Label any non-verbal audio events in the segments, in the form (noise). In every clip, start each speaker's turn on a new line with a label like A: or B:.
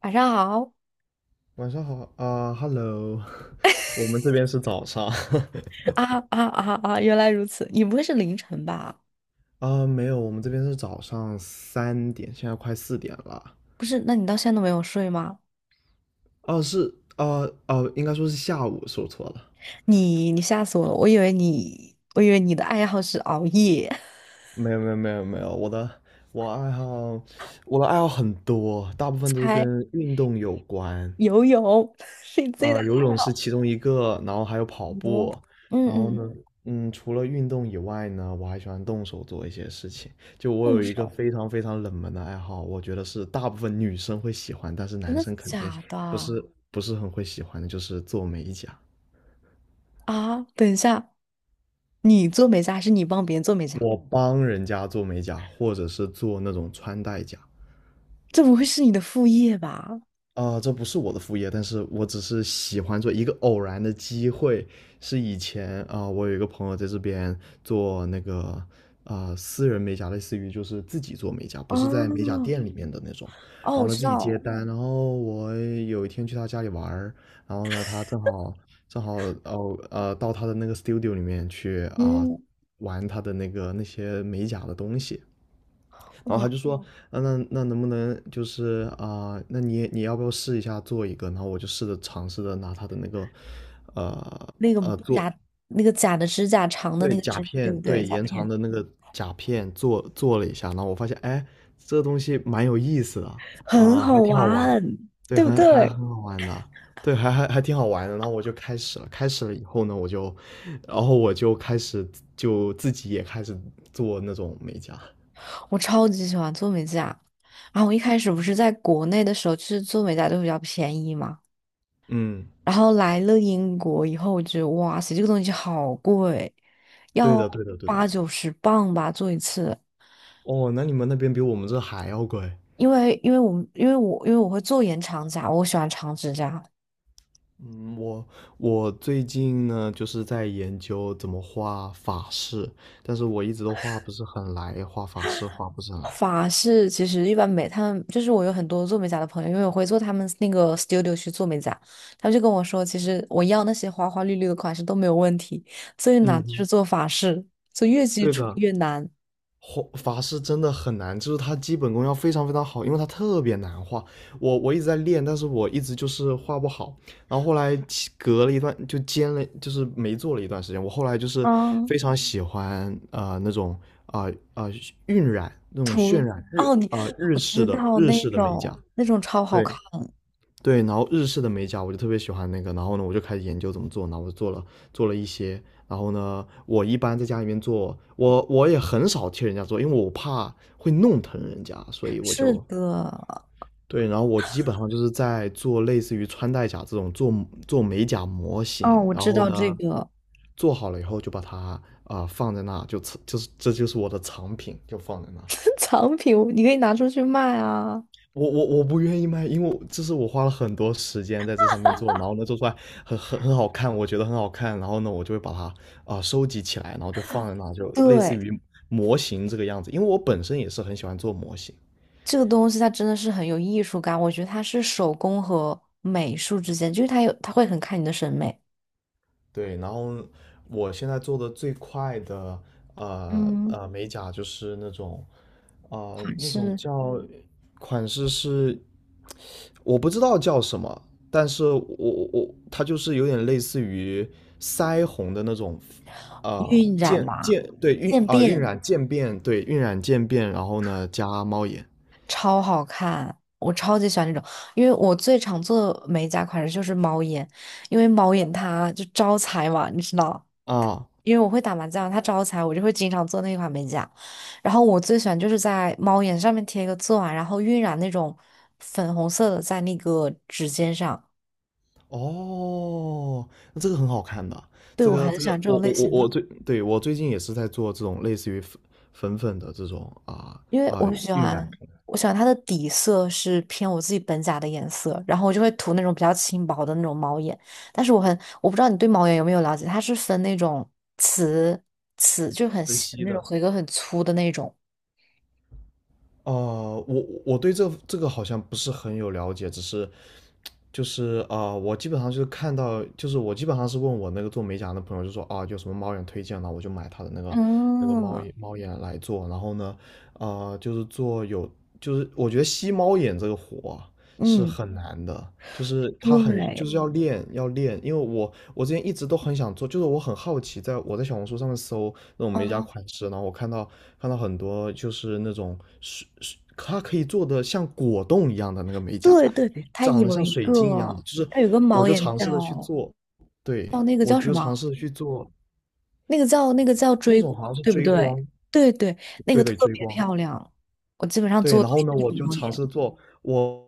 A: 晚上好
B: 晚上好啊，Hello，(laughs) 我们这边是早上。
A: 啊啊啊啊！原来如此，你不会是凌晨吧？
B: (laughs) 啊，没有，我们这边是早上3点，现在快4点了。
A: 不是，那你到现在都没有睡吗？
B: 哦，是，啊，哦，应该说是下午，说错了。
A: 你吓死我了！我以为你的爱好是熬夜。
B: 没有，没有，没有，没有，我爱好，我的爱好很多，大部
A: (laughs)
B: 分都是
A: 猜
B: 跟运动有关。
A: 游泳 (laughs) 是你最大的
B: 游
A: 爱
B: 泳是
A: 好。
B: 其中一个，然后还有跑
A: 哦，
B: 步，
A: 嗯
B: 然后
A: 嗯，
B: 呢，除了运动以外呢，我还喜欢动手做一些事情。就我
A: 动
B: 有一个
A: 手，
B: 非常非常冷门的爱好，我觉得是大部分女生会喜欢，但是
A: 真
B: 男
A: 的
B: 生肯定
A: 假
B: 不
A: 的
B: 是不是很会喜欢的，就是做美甲。
A: 啊？等一下，你做美甲还是你帮别人做美甲？
B: 我帮人家做美甲，或者是做那种穿戴甲。
A: 这不会是你的副业吧？
B: 啊，这不是我的副业，但是我只是喜欢做一个偶然的机会，是以前我有一个朋友在这边做那个私人美甲，类似于就是自己做美甲，不是在美甲
A: 哦
B: 店里面的那种。然
A: 哦，我
B: 后呢，
A: 知
B: 自己接
A: 道，
B: 单，然后我有一天去他家里玩儿，然后呢，他正好到他的那个 studio 里面去
A: 嗯，
B: 玩他的那个那些美甲的东西，然后他
A: 哇，
B: 就说，啊，那能不能就是那你要不要试一下做一个？然后我就尝试着拿他的那个，呃
A: 那个
B: 做
A: 假那个假的指甲长的
B: 对
A: 那个
B: 甲
A: 指，对
B: 片
A: 不对？
B: 对
A: 甲
B: 延长
A: 片
B: 的那个甲片做了一下，然后我发现哎，这个东西蛮有意思的
A: 很好
B: 还挺好玩，
A: 玩，
B: 对，
A: 对不
B: 很还
A: 对？
B: 很好玩的。对，还挺好玩的。然后我就开始了，开始了以后呢，然后我就开始自己也开始做那种美甲。
A: 我超级喜欢做美甲。然后我一开始不是在国内的时候，就是做美甲都比较便宜嘛。
B: 嗯，
A: 然后来了英国以后，我觉得哇塞，这个东西好贵，
B: 对
A: 要
B: 的，对的，对的。
A: 八九十磅吧做一次。
B: 哦，那你们那边比我们这还要贵。
A: 因为我会做延长甲，我喜欢长指甲。
B: 嗯，我我最近呢，就是在研究怎么画法式，但是我一直都画不是很来，画法式画不是很来。
A: 法式其实一般美，他们就是我有很多做美甲的朋友，因为我会做他们那个 studio 去做美甲，他们就跟我说，其实我要那些花花绿绿的款式都没有问题，最难就
B: 嗯，
A: 是做法式，就越基
B: 对
A: 础
B: 的，
A: 越难。
B: 画法师真的很难，就是他基本功要非常非常好，因为他特别难画。我一直在练，但是我一直就是画不好。然后后来隔了一段就兼了，就是没做了一段时间。我后来就是
A: 啊，
B: 非常喜欢那种啊啊、呃呃、晕染那种渲染
A: 哦，
B: 日
A: 我
B: 式
A: 知
B: 的
A: 道
B: 日
A: 那
B: 式的美甲，
A: 种超好看。
B: 对对，然后日式的美甲我就特别喜欢那个，然后呢，我就开始研究怎么做，然后我做了一些，然后呢，我一般在家里面做，我也很少替人家做，因为我怕会弄疼人家，所以我
A: 是
B: 就
A: 的，
B: 对，然后我基本上就是在做类似于穿戴甲这种做美甲模型，
A: 哦，我
B: 然
A: 知
B: 后
A: 道
B: 呢，
A: 这个。
B: 做好了以后就把它放在那，就这就是这就是我的藏品，就放在那。
A: (laughs) 藏品，你可以拿出去卖啊。
B: 我不愿意卖，因为我这是我花了很多时间在这上面做，然后呢做出来很好看，我觉得很好看，然后呢我就会把它收集起来，然后就放在那，就类似
A: 对，
B: 于模型这个样子。因为我本身也是很喜欢做模型，
A: 这个东西它真的是很有艺术感，我觉得它是手工和美术之间，就是它有，它会很看你的审美。
B: 对，然后我现在做的最快的
A: 嗯，
B: 美甲就是那种
A: 款
B: 那种
A: 式、
B: 叫款式是我不知道叫什么，但是我它就是有点类似于腮红的那种
A: 晕染嘛、
B: 对
A: 渐
B: 晕
A: 变，
B: 染渐变对晕染渐变，然后呢加猫眼
A: 超好看。我超级喜欢这种，因为我最常做的美甲款式就是猫眼，因为猫眼它就招财嘛，你知道，
B: 啊。
A: 因为我会打麻将，它招财，我就会经常做那款美甲。然后我最喜欢就是在猫眼上面贴一个钻，然后晕染那种粉红色的在那个指尖上。
B: 哦，那这个很好看的，
A: 对，我很喜欢这
B: 我
A: 种类
B: 我我
A: 型
B: 我
A: 的。
B: 嗯最，对，我最近也是在做这种类似于粉的这种
A: 因为
B: 啊
A: 我喜
B: 晕染
A: 欢，
B: 可能
A: 我喜欢它的底色是偏我自己本甲的颜色，然后我就会涂那种比较轻薄的那种猫眼。但是我很，我不知道你对猫眼有没有了解，它是分那种瓷瓷，就是很
B: 分
A: 细的
B: 析
A: 那种，
B: 的。
A: 和一个很粗的那种。
B: 哦、我对这个好像不是很有了解，只是我基本上就是看到，就是我基本上是问我那个做美甲的朋友，就说啊，有什么猫眼推荐呢？我就买他的那个猫
A: 嗯
B: 眼猫眼来做。然后呢，就是做有，就是我觉得吸猫眼这个活啊。是
A: 嗯，
B: 很难的，就是他很就
A: 对，
B: 是要练，因为我之前一直都很想做，就是我很好奇，我在小红书上面搜那种美甲
A: 嗯
B: 款式，然后我看到很多就是那种水水，它可以做的像果冻一样的那个美甲，
A: 对对，
B: 就长得像水晶一样的，就是
A: 它有一个
B: 我
A: 猫
B: 就
A: 眼
B: 尝试的去
A: 叫
B: 做，
A: 叫
B: 对，
A: 那个
B: 我
A: 叫什
B: 就尝
A: 么？
B: 试的去做
A: 那个叫
B: 那
A: 追
B: 种
A: 光，
B: 好像是
A: 对不
B: 追
A: 对？
B: 光，
A: 对对，那个
B: 对对
A: 特
B: 追
A: 别
B: 光，
A: 漂亮，我基本上
B: 对，
A: 做
B: 然
A: 的都
B: 后
A: 是
B: 呢，
A: 那
B: 我
A: 种
B: 就
A: 猫
B: 尝
A: 眼。
B: 试做，我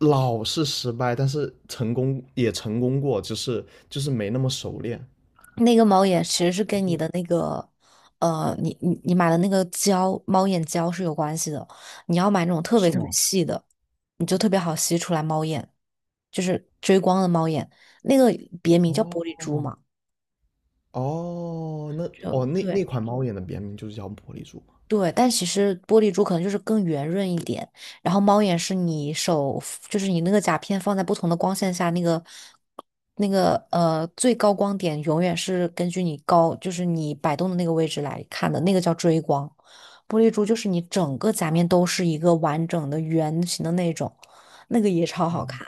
B: 老是失败，但是成功也成功过，只是就是没那么熟练。
A: 那个猫眼其实是
B: 就
A: 跟你
B: 是
A: 的那个，你买的那个猫眼胶是有关系的。你要买那种特别
B: 是
A: 特别
B: 吗？
A: 细的，你就特别好吸出来猫眼，就是追光的猫眼，那个别名叫玻璃珠
B: 哦
A: 嘛。
B: 哦，那
A: 就
B: 那
A: 对，
B: 款猫眼的别名就是叫玻璃珠吗？
A: 对，但其实玻璃珠可能就是更圆润一点，然后猫眼是你手，就是你那个甲片放在不同的光线下，那个最高光点永远是根据你高，就是你摆动的那个位置来看的，那个叫追光。玻璃珠就是你整个甲面都是一个完整的圆形的那种，那个也超好看。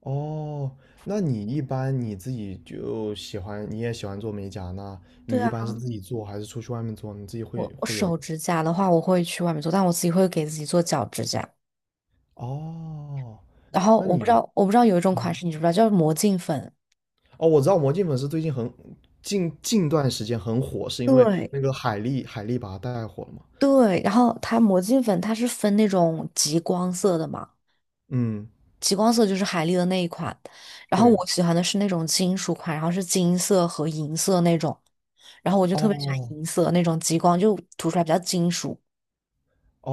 B: 哦，那你一般你自己就喜欢，你也喜欢做美甲，那
A: 对
B: 你一般
A: 啊，
B: 是自己做还是出去外面做？你自己会
A: 我
B: 会有？
A: 手指甲的话，我会去外面做，但我自己会给自己做脚指甲。
B: 哦，
A: 然后
B: 那你。
A: 我不知道有一种款式你知不知道，叫魔镜粉。
B: 哦，我知道《魔镜粉丝》最近近段时间很火，是因为
A: 对，
B: 那个海莉把它带火了嘛？
A: 对，然后它魔镜粉它是分那种极光色的嘛，
B: 嗯，
A: 极光色就是海丽的那一款，然后
B: 对。
A: 我喜欢的是那种金属款，然后是金色和银色那种，然后我就特别喜欢
B: 哦
A: 银色那种极光，就涂出来比较金属。
B: 哦，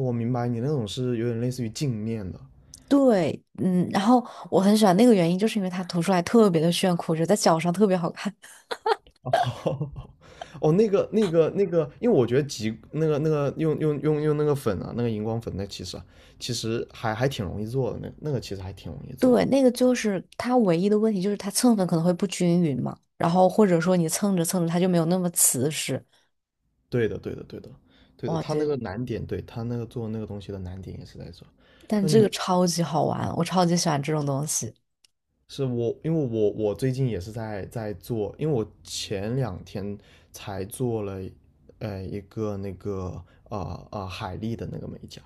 B: 我明白你那种是有点类似于镜面的。
A: 对，嗯，然后我很喜欢那个原因，就是因为它涂出来特别的炫酷，我觉得在脚上特别好看。(laughs)
B: 哦 (laughs) 哦，因为我觉得极那个那个用那个粉啊，那个荧光粉，那其实啊，其实还挺容易做的，那那个其实还挺容易做的。
A: 对，那个就是它唯一的问题，就是它蹭粉可能会不均匀嘛，然后或者说你蹭着蹭着它就没有那么瓷实。
B: 对的，对的，对的，对的，
A: 哇，
B: 他那个难点，对他那个做那个东西的难点也是在这。
A: 但
B: 那
A: 这个
B: 你
A: 超级好玩，我超级喜欢这种东西。
B: 是我，因为我最近也是在做，因为我前2天才做了，一个那个海丽的那个美甲，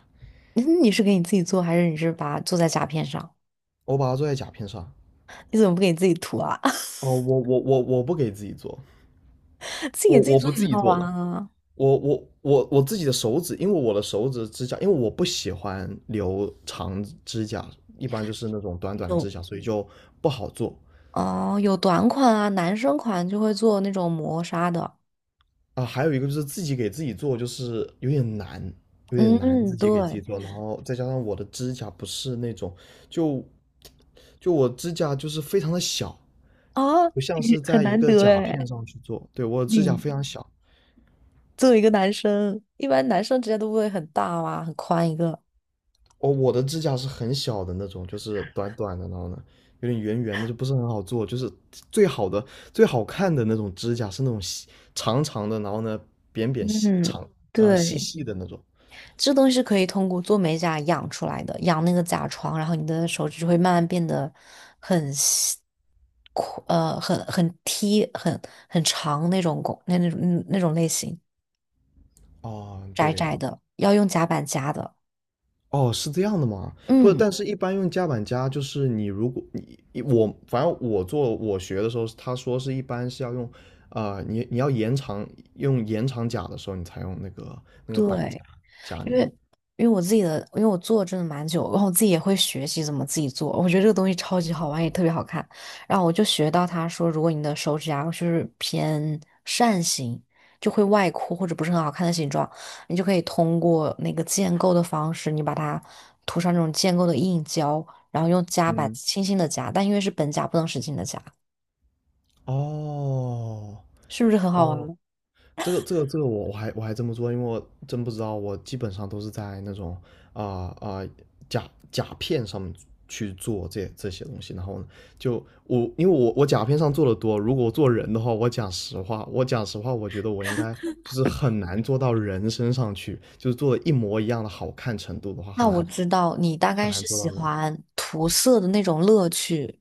A: 嗯你是给你自己做，还是你是把它做在甲片上？
B: 我把它做在甲片上。
A: 你怎么不给你自己涂啊？(laughs)
B: 哦，我不给自己做，
A: 自己给
B: 我
A: 自己
B: 我
A: 做
B: 不
A: 也
B: 自
A: 很
B: 己
A: 好
B: 做
A: 玩
B: 了，
A: 啊。
B: 我自己的手指，因为我的手指指甲，因为我不喜欢留长指甲，一般就是那种短短的指
A: 有
B: 甲，所以就不好做。
A: 哦，有短款啊，男生款就会做那种磨砂的。
B: 啊，还有一个就是自己给自己做，就是有点难，有点难
A: 嗯，
B: 自己给自己
A: 对
B: 做，然后再加上我的指甲不是那种，就就我指甲就是非常的小，
A: 啊，
B: 不像
A: 你
B: 是
A: 很
B: 在一嗯
A: 难
B: 个
A: 得
B: 甲片
A: 哎。
B: 上去做，对，我的指甲
A: 你
B: 非常小，
A: 作为一个男生，一般男生指甲都不会很大哇，很宽一个。
B: 哦，我的指甲是很小的那种，就是短短的，然后呢有点圆圆的，就不是很好做，就是最好的最好看的那种指甲是那种细长长的，然后呢扁扁细
A: 嗯，
B: 长细
A: 对。
B: 细的那种，
A: 这东西是可以通过做美甲养出来的，养那个甲床，然后你的手指就会慢慢变得很细阔，很踢，很长那种拱，那种类型，
B: 啊，
A: 窄
B: 对
A: 窄
B: 的，
A: 的，要用夹板夹的。
B: 哦，是这样的吗？不，
A: 嗯，
B: 但是一般用夹板夹，就是你如果你我反正我学的时候，他说是一般是要用，你要延长用延长夹的时候，你才用那个板
A: 对。
B: 夹
A: 因为
B: 你。
A: 因为我做真的蛮久，然后我自己也会学习怎么自己做，我觉得这个东西超级好玩，也特别好看。然后我就学到他说，如果你的手指甲就是偏扇形，就会外扩或者不是很好看的形状，你就可以通过那个建构的方式，你把它涂上那种建构的硬胶，然后用夹板
B: 嗯，
A: 轻轻的夹，但因为是本夹不能使劲的夹，
B: 哦
A: 是不是很好
B: 哦，
A: 玩？
B: 这个我还真不知道，因为我真不知道，我基本上都是在那种啊啊、呃呃甲甲片上面去做这些东西，然后呢，就我因为我甲片上做的多，如果我做人的话，我讲实话，我觉得我应该就是很难做到人身上去，就是做的一模一样的好看程度的话，
A: 那
B: 很
A: 我
B: 难
A: 知道你大
B: 很
A: 概
B: 难
A: 是
B: 做
A: 喜
B: 到那。
A: 欢涂色的那种乐趣。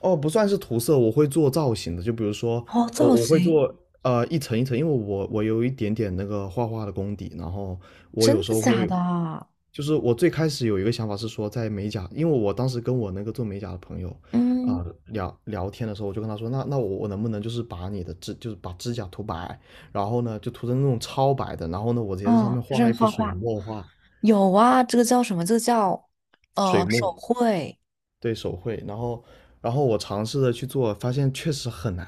B: 哦，不算是涂色，我会做造型的。就比如说，
A: 哦，
B: 我
A: 造
B: 我会
A: 型。
B: 做一层一层，因为我有一点点那个画画的功底，然后我
A: 真
B: 有时
A: 的
B: 候
A: 假
B: 会，
A: 的啊？
B: 就是我最开始有一个想法是说，在美甲，因为我当时跟我那个做美甲的朋友
A: 嗯，
B: 聊聊天的时候，我就跟他说，那我能不能就是把你的指就是把指甲涂白，然后呢就涂成那种超白的，然后呢我直接在上
A: 哦，
B: 面
A: 就
B: 画
A: 是
B: 一幅
A: 画
B: 水
A: 画，
B: 墨画，
A: 有啊，这个叫什么？这个叫
B: 水墨。
A: 手绘。
B: 对手绘，然后我尝试着去做，发现确实很难，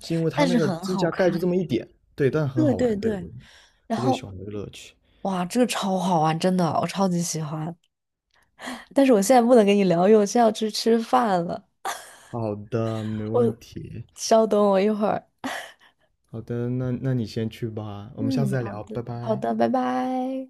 B: 是因为它
A: 但
B: 那
A: 是
B: 个
A: 很
B: 指
A: 好
B: 甲盖就
A: 看。
B: 这么一点，对，但很
A: 对
B: 好
A: 对
B: 玩，对，
A: 对，
B: 我
A: 然
B: 我就喜
A: 后
B: 欢这个乐趣。
A: 哇，这个超好玩，真的，我超级喜欢。但是我现在不能跟你聊，因为我现在要去吃饭了。
B: 好的，没问
A: 我
B: 题。
A: 稍等我一会儿。
B: 好的，那你先去吧，我们下
A: 嗯，
B: 次再
A: 好
B: 聊，
A: 的，
B: 拜
A: 好
B: 拜。
A: 的，拜拜。